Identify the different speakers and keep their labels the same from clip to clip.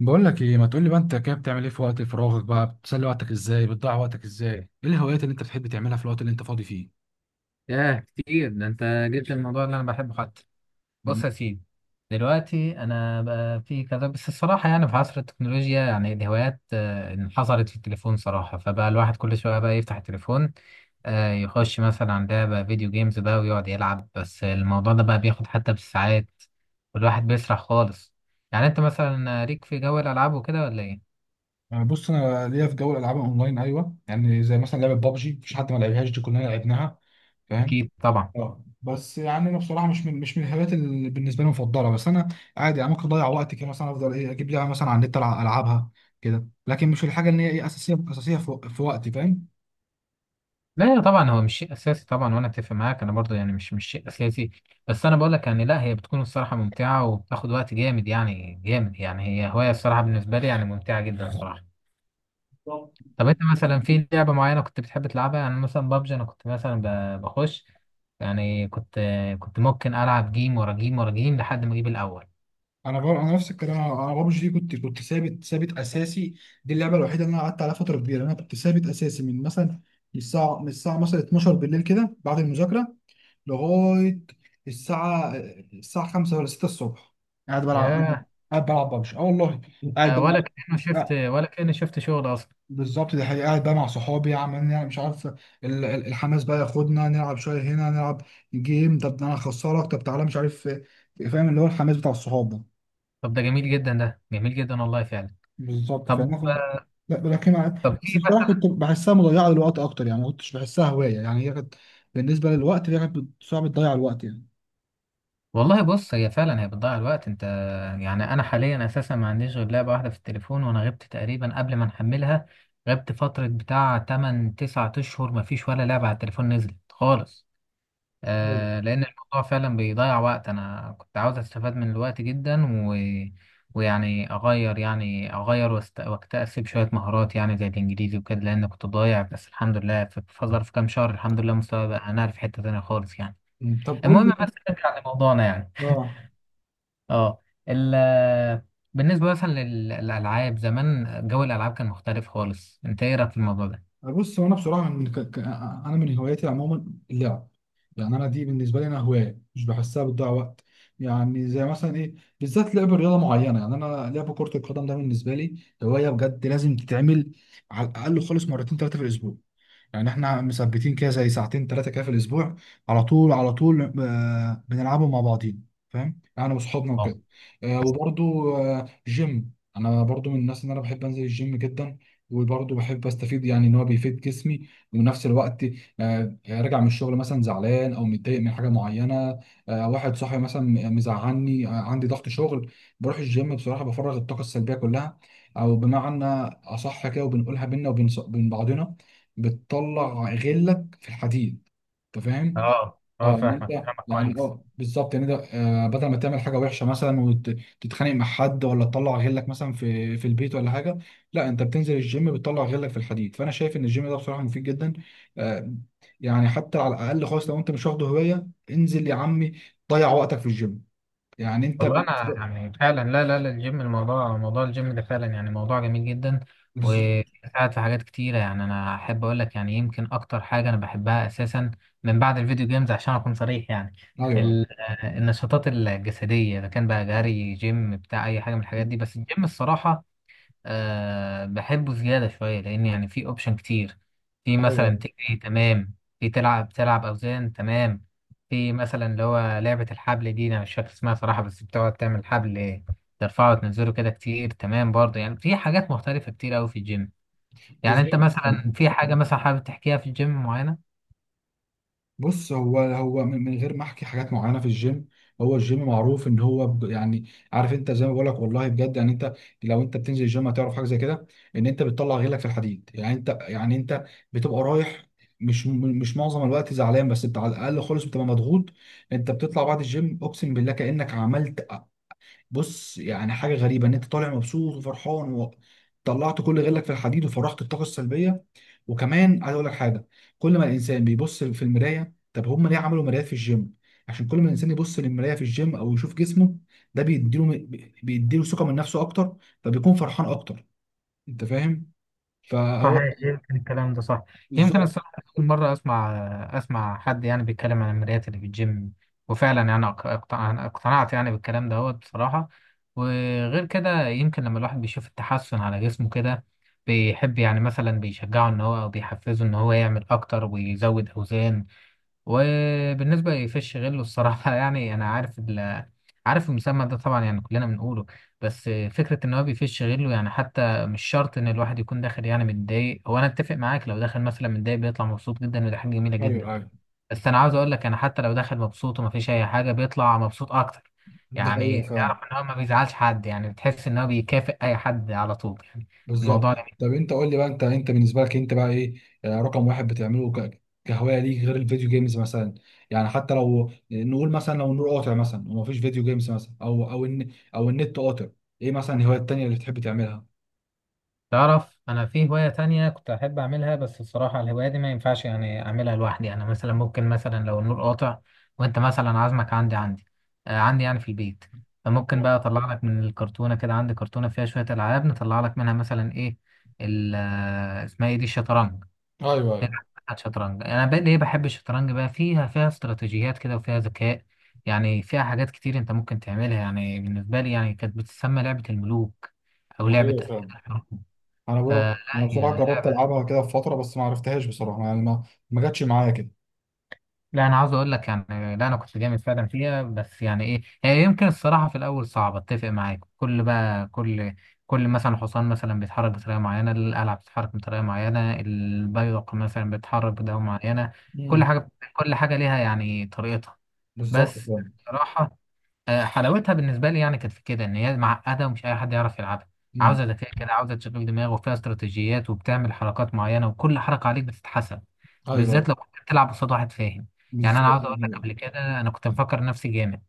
Speaker 1: بقول لك ايه ما تقول لي بقى انت كده بتعمل ايه في وقت فراغك بقى بتسلي وقتك ازاي بتضيع وقتك ازاي ايه الهوايات اللي انت بتحب تعملها في الوقت اللي انت فاضي فيه.
Speaker 2: ياه كتير ده انت جبت الموضوع اللي انا بحبه حتى. بص
Speaker 1: مم.
Speaker 2: يا سيدي، دلوقتي انا بقى في كذا، بس الصراحه يعني في عصر التكنولوجيا يعني الهوايات انحصرت في التليفون صراحه، فبقى الواحد كل شويه بقى يفتح التليفون، يخش مثلا عن لعبه فيديو جيمز بقى ويقعد يلعب. بس الموضوع ده بقى بياخد حتى بالساعات، والواحد بيسرح خالص. يعني انت مثلا ليك في جو الالعاب وكده ولا ايه؟
Speaker 1: أنا بص انا ليا في جو الالعاب اونلاين، ايوه، يعني زي مثلا لعبه بابجي مفيش حد ما لعبهاش، دي كلنا لعبناها. فاهم.
Speaker 2: أكيد طبعا.
Speaker 1: اه بس يعني انا بصراحه مش من الهوايات اللي بالنسبه لي مفضله، بس انا عادي، يعني ممكن اضيع وقتي كده، مثلا افضل ايه اجيب لعبه مثلا على النت العبها كده، لكن مش الحاجه اللي هي ايه اساسيه اساسيه في وقتي. فاهم.
Speaker 2: لا طبعا هو مش شيء اساسي طبعا، وانا اتفق معاك، انا برضه يعني مش شيء اساسي. بس انا بقول لك يعني، لا هي بتكون الصراحه ممتعه وبتاخد وقت جامد يعني جامد، يعني هي هوايه الصراحه بالنسبه لي يعني ممتعه جدا الصراحه. طب انت مثلا في لعبه معينه كنت بتحب تلعبها؟ يعني مثلا بابجي انا كنت مثلا بخش، يعني كنت ممكن العب جيم ورا جيم ورا جيم لحد ما اجيب الاول.
Speaker 1: انا نفس الكلام، انا ببجي دي كنت ثابت ثابت اساسي، دي اللعبه الوحيده اللي انا قعدت عليها فتره كبيره، انا كنت ثابت اساسي من مثلا من الساعه مثلا 12 بالليل كده بعد المذاكره لغايه الساعه 5 ولا 6 الصبح، قاعد بلعب، قاعد
Speaker 2: ياه،
Speaker 1: قاعد بلعب ببجي، اه والله قاعد بلعب. آه،
Speaker 2: ولا كأني شفت شغل اصلا.
Speaker 1: بالظبط، دي حقيقة، قاعد بقى مع صحابي عمالين، يعني مش عارف، الحماس بقى ياخدنا نلعب شويه، هنا نلعب جيم، طب ده انا هخسرك، طب تعالى، مش عارف إيه. فاهم اللي هو الحماس بتاع الصحاب ده.
Speaker 2: طب ده جميل جدا، ده جميل جدا والله فعلا.
Speaker 1: بالظبط،
Speaker 2: طب
Speaker 1: فاهم. لا بلاكيم عادي،
Speaker 2: طب
Speaker 1: بس
Speaker 2: في
Speaker 1: بصراحه كنت بحسها مضيعه للوقت اكتر، يعني ما كنتش بحسها هوايه، يعني هي كانت بالنسبه للوقت، هي كانت صعب تضيع الوقت يعني.
Speaker 2: والله بص، هي فعلا هي بتضيع الوقت. انت يعني انا حاليا اساسا ما عنديش غير لعبه واحده في التليفون، وانا غبت تقريبا قبل ما نحملها، غبت فتره بتاع 8 9 اشهر ما فيش ولا لعبه على التليفون نزلت خالص.
Speaker 1: أيوة.
Speaker 2: آه، لان الموضوع فعلا بيضيع وقت. انا كنت عاوز استفاد من الوقت جدا ويعني اغير واكتسب شويه مهارات، يعني زي الانجليزي وكده، لان كنت ضايع. بس الحمد لله في ظرف كام شهر الحمد لله مستواي بقى انا في حته تانيه خالص يعني.
Speaker 1: طب قول
Speaker 2: المهم
Speaker 1: لي.
Speaker 2: بس نرجع لموضوعنا يعني.
Speaker 1: اه
Speaker 2: اه. ال بالنسبة مثلا للألعاب زمان، جو الألعاب كان مختلف خالص، انت ايه رأيك في الموضوع ده؟
Speaker 1: بص هو انا بصراحه انا من هواياتي عموما اللعب، يعني انا دي بالنسبه لي انا هوايه مش بحسها بتضيع وقت، يعني زي مثلا ايه بالذات لعب رياضه معينه، يعني انا لعب كره القدم ده بالنسبه لي هوايه بجد لازم تتعمل على الاقل خالص مرتين ثلاثه في الاسبوع، يعني احنا مثبتين كده زي ساعتين ثلاثه كده في الاسبوع، على طول، بنلعبوا مع بعضين، فاهم، يعني انا وصحابنا
Speaker 2: اه
Speaker 1: وكده. وبرضو جيم، انا برضو من الناس ان انا بحب انزل الجيم جدا، وبرضو بحب استفيد، يعني ان هو بيفيد جسمي، وفي نفس الوقت راجع من الشغل مثلا زعلان او متضايق من حاجه معينه، واحد صاحبي مثلا مزعلني، عندي ضغط شغل، بروح الجيم بصراحه بفرغ الطاقه السلبيه كلها، او بمعنى اصح كده، وبنقولها بينا وبين بعضنا، بتطلع غلك في الحديد، انت فاهم.
Speaker 2: اه
Speaker 1: اه ان انت،
Speaker 2: فاهمك،
Speaker 1: يعني
Speaker 2: كويس.
Speaker 1: اه بالظبط ان انت آه بدل ما تعمل حاجه وحشه مثلا وتتخانق مع حد، ولا تطلع غلك مثلا في البيت ولا حاجه، لا انت بتنزل الجيم، بتطلع غلك في الحديد، فانا شايف ان الجيم ده بصراحه مفيد جدا. آه. يعني حتى على الاقل خالص، لو انت مش واخده هوايه انزل يا عمي ضيع وقتك في الجيم، يعني انت
Speaker 2: والله انا
Speaker 1: بالنسبه.
Speaker 2: يعني فعلا، لا لا لا الجيم موضوع الجيم ده فعلا يعني موضوع جميل جدا،
Speaker 1: بالظبط.
Speaker 2: وساعد في حاجات كتيره. يعني انا احب اقول لك، يعني يمكن اكتر حاجه انا بحبها اساسا من بعد الفيديو جيمز عشان اكون صريح يعني،
Speaker 1: ايوه،
Speaker 2: النشاطات الجسديه، اذا كان بقى جري، جيم، بتاع اي حاجه من الحاجات دي، بس الجيم الصراحه أه بحبه زيادة شوية، لأن يعني في أوبشن كتير. في مثلا
Speaker 1: ايوه،
Speaker 2: تجري تمام، في تلعب أوزان تمام، في مثلا اللي هو لعبة الحبل دي، أنا مش فاكر اسمها صراحة، بس بتقعد تعمل حبل ترفعه وتنزله كده كتير تمام، برضه يعني في حاجات مختلفة كتير أوي في الجيم. يعني أنت
Speaker 1: بالظبط.
Speaker 2: مثلا في حاجة مثلا حابب تحكيها في الجيم معينة؟
Speaker 1: بص هو من غير ما احكي حاجات معينه في الجيم، هو الجيم معروف ان هو يعني عارف انت زي ما بقول لك، والله بجد يعني انت لو انت بتنزل الجيم هتعرف حاجه زي كده، ان انت بتطلع غيرك في الحديد، يعني انت، يعني انت بتبقى رايح، مش معظم الوقت زعلان، بس بتاع على الاقل خالص بتبقى مضغوط، انت بتطلع بعد الجيم اقسم بالله كانك عملت، بص يعني حاجه غريبه ان انت طالع مبسوط وفرحان وطلعت كل غلك في الحديد وفرغت الطاقه السلبيه. وكمان عايز اقول لك حاجه، كل ما الانسان بيبص في المرايه، طب هم ليه عملوا مرايات في الجيم؟ عشان كل ما الانسان يبص للمرايه في الجيم او يشوف جسمه ده بيديله، بيديله ثقه من نفسه اكتر، فبيكون فرحان اكتر، انت فاهم. فهو.
Speaker 2: صحيح، يمكن الكلام ده صح، يمكن
Speaker 1: بالظبط.
Speaker 2: الصراحة أول مرة أسمع حد يعني بيتكلم عن المرايات اللي في الجيم، وفعلا يعني اقتنعت يعني بالكلام دوت بصراحة. وغير كده يمكن لما الواحد بيشوف التحسن على جسمه كده بيحب، يعني مثلا بيشجعه إن هو أو بيحفزه إن هو يعمل أكتر ويزود أوزان. وبالنسبة لفيش غلو الصراحة يعني أنا عارف عارف المسمى ده طبعا، يعني كلنا بنقوله، بس فكرة إن هو بيفش غله يعني حتى مش شرط إن الواحد يكون داخل يعني متضايق. هو أنا أتفق معاك، لو داخل مثلا متضايق بيطلع مبسوط جدا، ودي حاجة جميلة جدا.
Speaker 1: ايوه، ايوه،
Speaker 2: بس أنا عاوز أقول لك، أنا حتى لو داخل مبسوط ومفيش أي حاجة بيطلع مبسوط أكتر.
Speaker 1: ده
Speaker 2: يعني
Speaker 1: حقيقة فعلا.
Speaker 2: تعرف إن هو ما بيزعلش حد، يعني بتحس إن هو بيكافئ أي حد على طول يعني
Speaker 1: بالظبط.
Speaker 2: الموضوع ده.
Speaker 1: طب انت قول لي بقى، انت انت بالنسبه لك انت بقى ايه رقم واحد بتعمله كهوايه ليك غير الفيديو جيمز مثلا؟ يعني حتى لو نقول مثلا لو النور قاطع مثلا ومفيش فيديو جيمز مثلا، او او او النت قاطع، ايه مثلا الهوايه التانيه اللي بتحب تعملها؟
Speaker 2: تعرف انا في هواية تانية كنت احب اعملها، بس الصراحة الهواية دي ما ينفعش يعني اعملها لوحدي. انا مثلا ممكن مثلا لو النور قاطع وانت مثلا عازمك عندي، عندي يعني في البيت، فممكن بقى اطلع لك من الكرتونة كده، عندي كرتونة فيها شوية العاب نطلع لك منها مثلا ايه، ال- آه، اسمها ايه دي الشطرنج،
Speaker 1: ايوه، ايوه،
Speaker 2: بتاعت شطرنج. انا بقى ليه بحب الشطرنج؟ بقى فيها استراتيجيات كده وفيها ذكاء، يعني فيها حاجات كتير انت ممكن تعملها. يعني بالنسبة لي يعني كانت بتسمى لعبة الملوك او
Speaker 1: دي حقيقة
Speaker 2: لعبة أسئلة
Speaker 1: فعلا.
Speaker 2: الحروب.
Speaker 1: انا بقى
Speaker 2: فلا
Speaker 1: انا
Speaker 2: هي
Speaker 1: بصراحه جربت
Speaker 2: لعبة،
Speaker 1: العبها كده في فتره بس ما عرفتهاش بصراحه، يعني ما جاتش معايا كده.
Speaker 2: لا أنا عاوز أقول لك يعني، لا أنا كنت جامد فعلا فيها. بس يعني إيه، هي يمكن الصراحة في الأول صعبة أتفق معاك. كل بقى كل كل مثلا حصان مثلا بيتحرك بطريقة معينة، القلعة بتتحرك بطريقة معينة، البيدق مثلا بيتحرك بطريقة معينة،
Speaker 1: امم.
Speaker 2: كل حاجة ليها يعني طريقتها.
Speaker 1: بالظبط
Speaker 2: بس
Speaker 1: فعلا.
Speaker 2: صراحة حلاوتها بالنسبة لي يعني كانت في كده إن هي معقدة ومش أي حد يعرف يلعبها،
Speaker 1: امم.
Speaker 2: عاوزة ذكاء كده، عاوزة تشغيل دماغ، وفيها استراتيجيات، وبتعمل حركات معينة، وكل حركة عليك بتتحسب،
Speaker 1: ايوه.
Speaker 2: بالذات لو كنت بتلعب قصاد واحد فاهم. يعني أنا
Speaker 1: بالظبط.
Speaker 2: عاوز أقول لك، قبل كده أنا كنت مفكر نفسي جامد،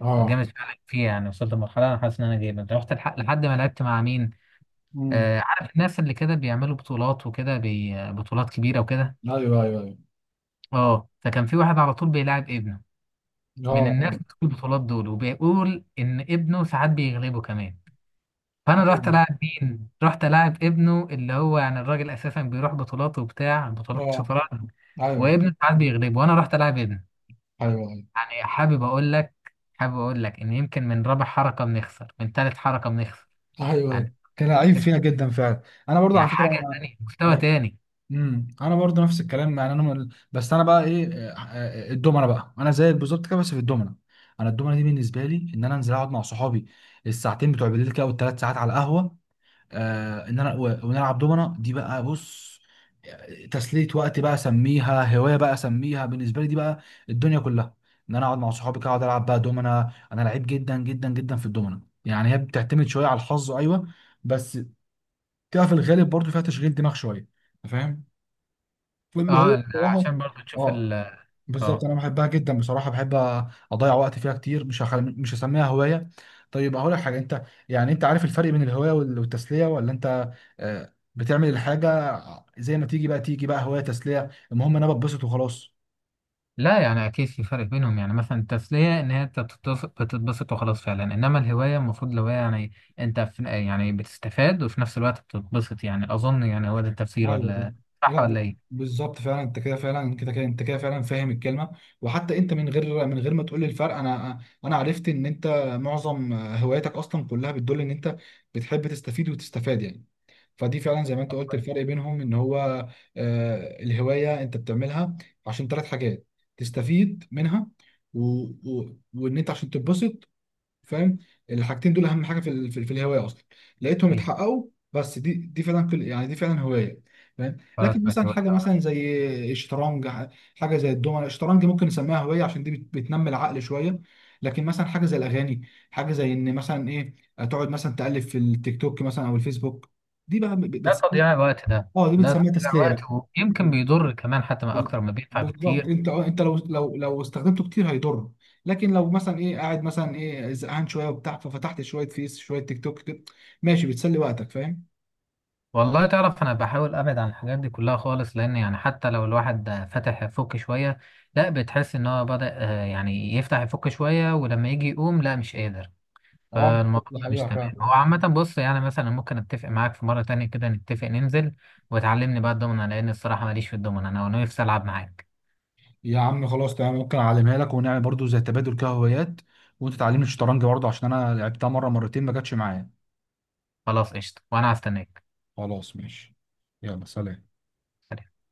Speaker 1: اه.
Speaker 2: وجامد فعلا فيها يعني، وصلت لمرحلة أنا حاسس إن أنا جامد. رحت الحق لحد ما لعبت مع مين،
Speaker 1: امم.
Speaker 2: آه عارف الناس اللي كده بيعملوا بطولات وكده، بطولات كبيرة وكده.
Speaker 1: ايوه، ايوه، ايوه.
Speaker 2: أه فكان في واحد على طول بيلاعب ابنه،
Speaker 1: اه،
Speaker 2: من الناس
Speaker 1: اه.
Speaker 2: اللي في البطولات دول، وبيقول إن ابنه ساعات بيغلبه كمان. فانا رحت
Speaker 1: حلو.
Speaker 2: العب مين؟ رحت العب ابنه، اللي هو يعني الراجل اساسا بيروح بطولات وبتاع بطولات
Speaker 1: اه.
Speaker 2: شطرنج،
Speaker 1: ايوه،
Speaker 2: وابنه ساعات بيغلبه، وانا رحت العب ابنه.
Speaker 1: ايوه، ايوه.
Speaker 2: يعني حابب اقول لك، ان يمكن من رابع حركه بنخسر، من ثالث حركه بنخسر
Speaker 1: ايوه،
Speaker 2: يعني،
Speaker 1: ايوه. كان لعيب فينا جدا فعلا. انا برضه على
Speaker 2: يعني
Speaker 1: فكره
Speaker 2: حاجه
Speaker 1: انا.
Speaker 2: تانية مستوى
Speaker 1: أيوة.
Speaker 2: تاني.
Speaker 1: امم، انا برضه نفس الكلام، يعني بس انا بقى ايه الدومنه بقى، انا زيك بالظبط كده بس في الدومنه، انا الدومنه دي بالنسبه لي ان انا انزل اقعد مع صحابي الساعتين بتوع بالليل كده، او الثلاث ساعات على القهوه، آه ان ونلعب دومنه، دي بقى بص تسلية وقت بقى اسميها، هواية بقى اسميها، بالنسبة لي دي بقى الدنيا كلها، ان انا اقعد مع صحابي كده اقعد العب بقى دومنه، انا لعيب جدا جدا جدا في الدومنه، يعني هي بتعتمد شوية على الحظ، ايوه، بس بتبقى في الغالب برضو فيها تشغيل دماغ شوية، أنت فاهم، فاللي هو
Speaker 2: اه
Speaker 1: بصراحة
Speaker 2: عشان برضه تشوف
Speaker 1: اه
Speaker 2: ال
Speaker 1: بالظبط
Speaker 2: اه
Speaker 1: انا بحبها جدا بصراحه، بحب اضيع وقت فيها كتير، مش هسميها هوايه. طيب هقول لك حاجه انت، يعني انت عارف الفرق بين الهوايه والتسليه ولا انت بتعمل الحاجه زي ما تيجي، بقى تيجي بقى هوايه تسليه المهم انا بتبسط وخلاص؟
Speaker 2: لا يعني اكيد في فرق بينهم. يعني مثلا التسليه ان هي انت بتتبسط، بتتبسط وخلاص فعلا، انما الهوايه المفروض الهوايه يعني انت في يعني بتستفاد وفي نفس الوقت بتتبسط، يعني اظن يعني هو ده التفسير،
Speaker 1: ايوه
Speaker 2: ولا صح
Speaker 1: لا
Speaker 2: ولا ايه؟
Speaker 1: بالظبط فعلا، انت كده فعلا، كده انت كده فعلا فاهم الكلمه، وحتى انت من غير ما تقول لي الفرق، انا عرفت ان انت معظم هواياتك اصلا كلها بتدل ان انت بتحب تستفيد وتستفاد يعني، فدي فعلا زي ما انت قلت الفرق بينهم ان هو الهوايه انت بتعملها عشان ثلاث حاجات، تستفيد منها و... وان انت عشان تتبسط، فاهم، الحاجتين دول اهم حاجه في في الهوايه اصلا، لقيتهم
Speaker 2: ايه
Speaker 1: اتحققوا، بس دي فعلا يعني دي فعلا هوايه، فاهم.
Speaker 2: خلاص
Speaker 1: لكن مثلا
Speaker 2: دلوقتي هو
Speaker 1: حاجه
Speaker 2: كده.
Speaker 1: مثلا زي الشطرنج، حاجه زي الدومنه الشطرنج ممكن نسميها هوايه عشان دي بتنمي العقل شويه، لكن مثلا حاجه زي الاغاني، حاجه زي ان مثلا ايه تقعد مثلا تقلب في التيك توك مثلا او الفيسبوك، دي بقى
Speaker 2: ده
Speaker 1: بتسمي،
Speaker 2: تضييع الوقت ده،
Speaker 1: اه دي
Speaker 2: ده
Speaker 1: بتسميها
Speaker 2: تضييع
Speaker 1: تسليه
Speaker 2: وقت، ويمكن
Speaker 1: بقى.
Speaker 2: بيضر كمان حتى، ما اكتر ما بينفع
Speaker 1: بالظبط،
Speaker 2: بكتير.
Speaker 1: انت انت لو استخدمته كتير هيضر، لكن لو مثلا ايه قاعد مثلا ايه زهقان شويه وبتاع ففتحت شويه فيس شويه تيك توك كده، ماشي بتسلي وقتك، فاهم.
Speaker 2: والله تعرف انا بحاول ابعد عن الحاجات دي كلها خالص، لان يعني حتى لو الواحد فتح يفك شويه، لا بتحس ان هو بدأ يعني يفتح يفك شويه، ولما يجي يقوم لا مش قادر.
Speaker 1: اه بالظبط،
Speaker 2: فالموضوع
Speaker 1: دي
Speaker 2: ده مش
Speaker 1: حقيقة
Speaker 2: تمام.
Speaker 1: فعلا.
Speaker 2: هو عامة بص يعني، مثلا ممكن اتفق معاك في مرة تانية كده نتفق ننزل وتعلمني بقى الدومنة، لأن الصراحة ماليش في الدومنة، أنا نفسي ألعب معاك.
Speaker 1: يا عم خلاص تمام، ممكن اعلمها لك ونعمل برضو زي تبادل كده هوايات، وانت تعلمني الشطرنج برضو عشان انا لعبتها مره مرتين ما جاتش معايا.
Speaker 2: خلاص قشطة وأنا هستناك.
Speaker 1: خلاص ماشي، يلا سلام.
Speaker 2: سلام.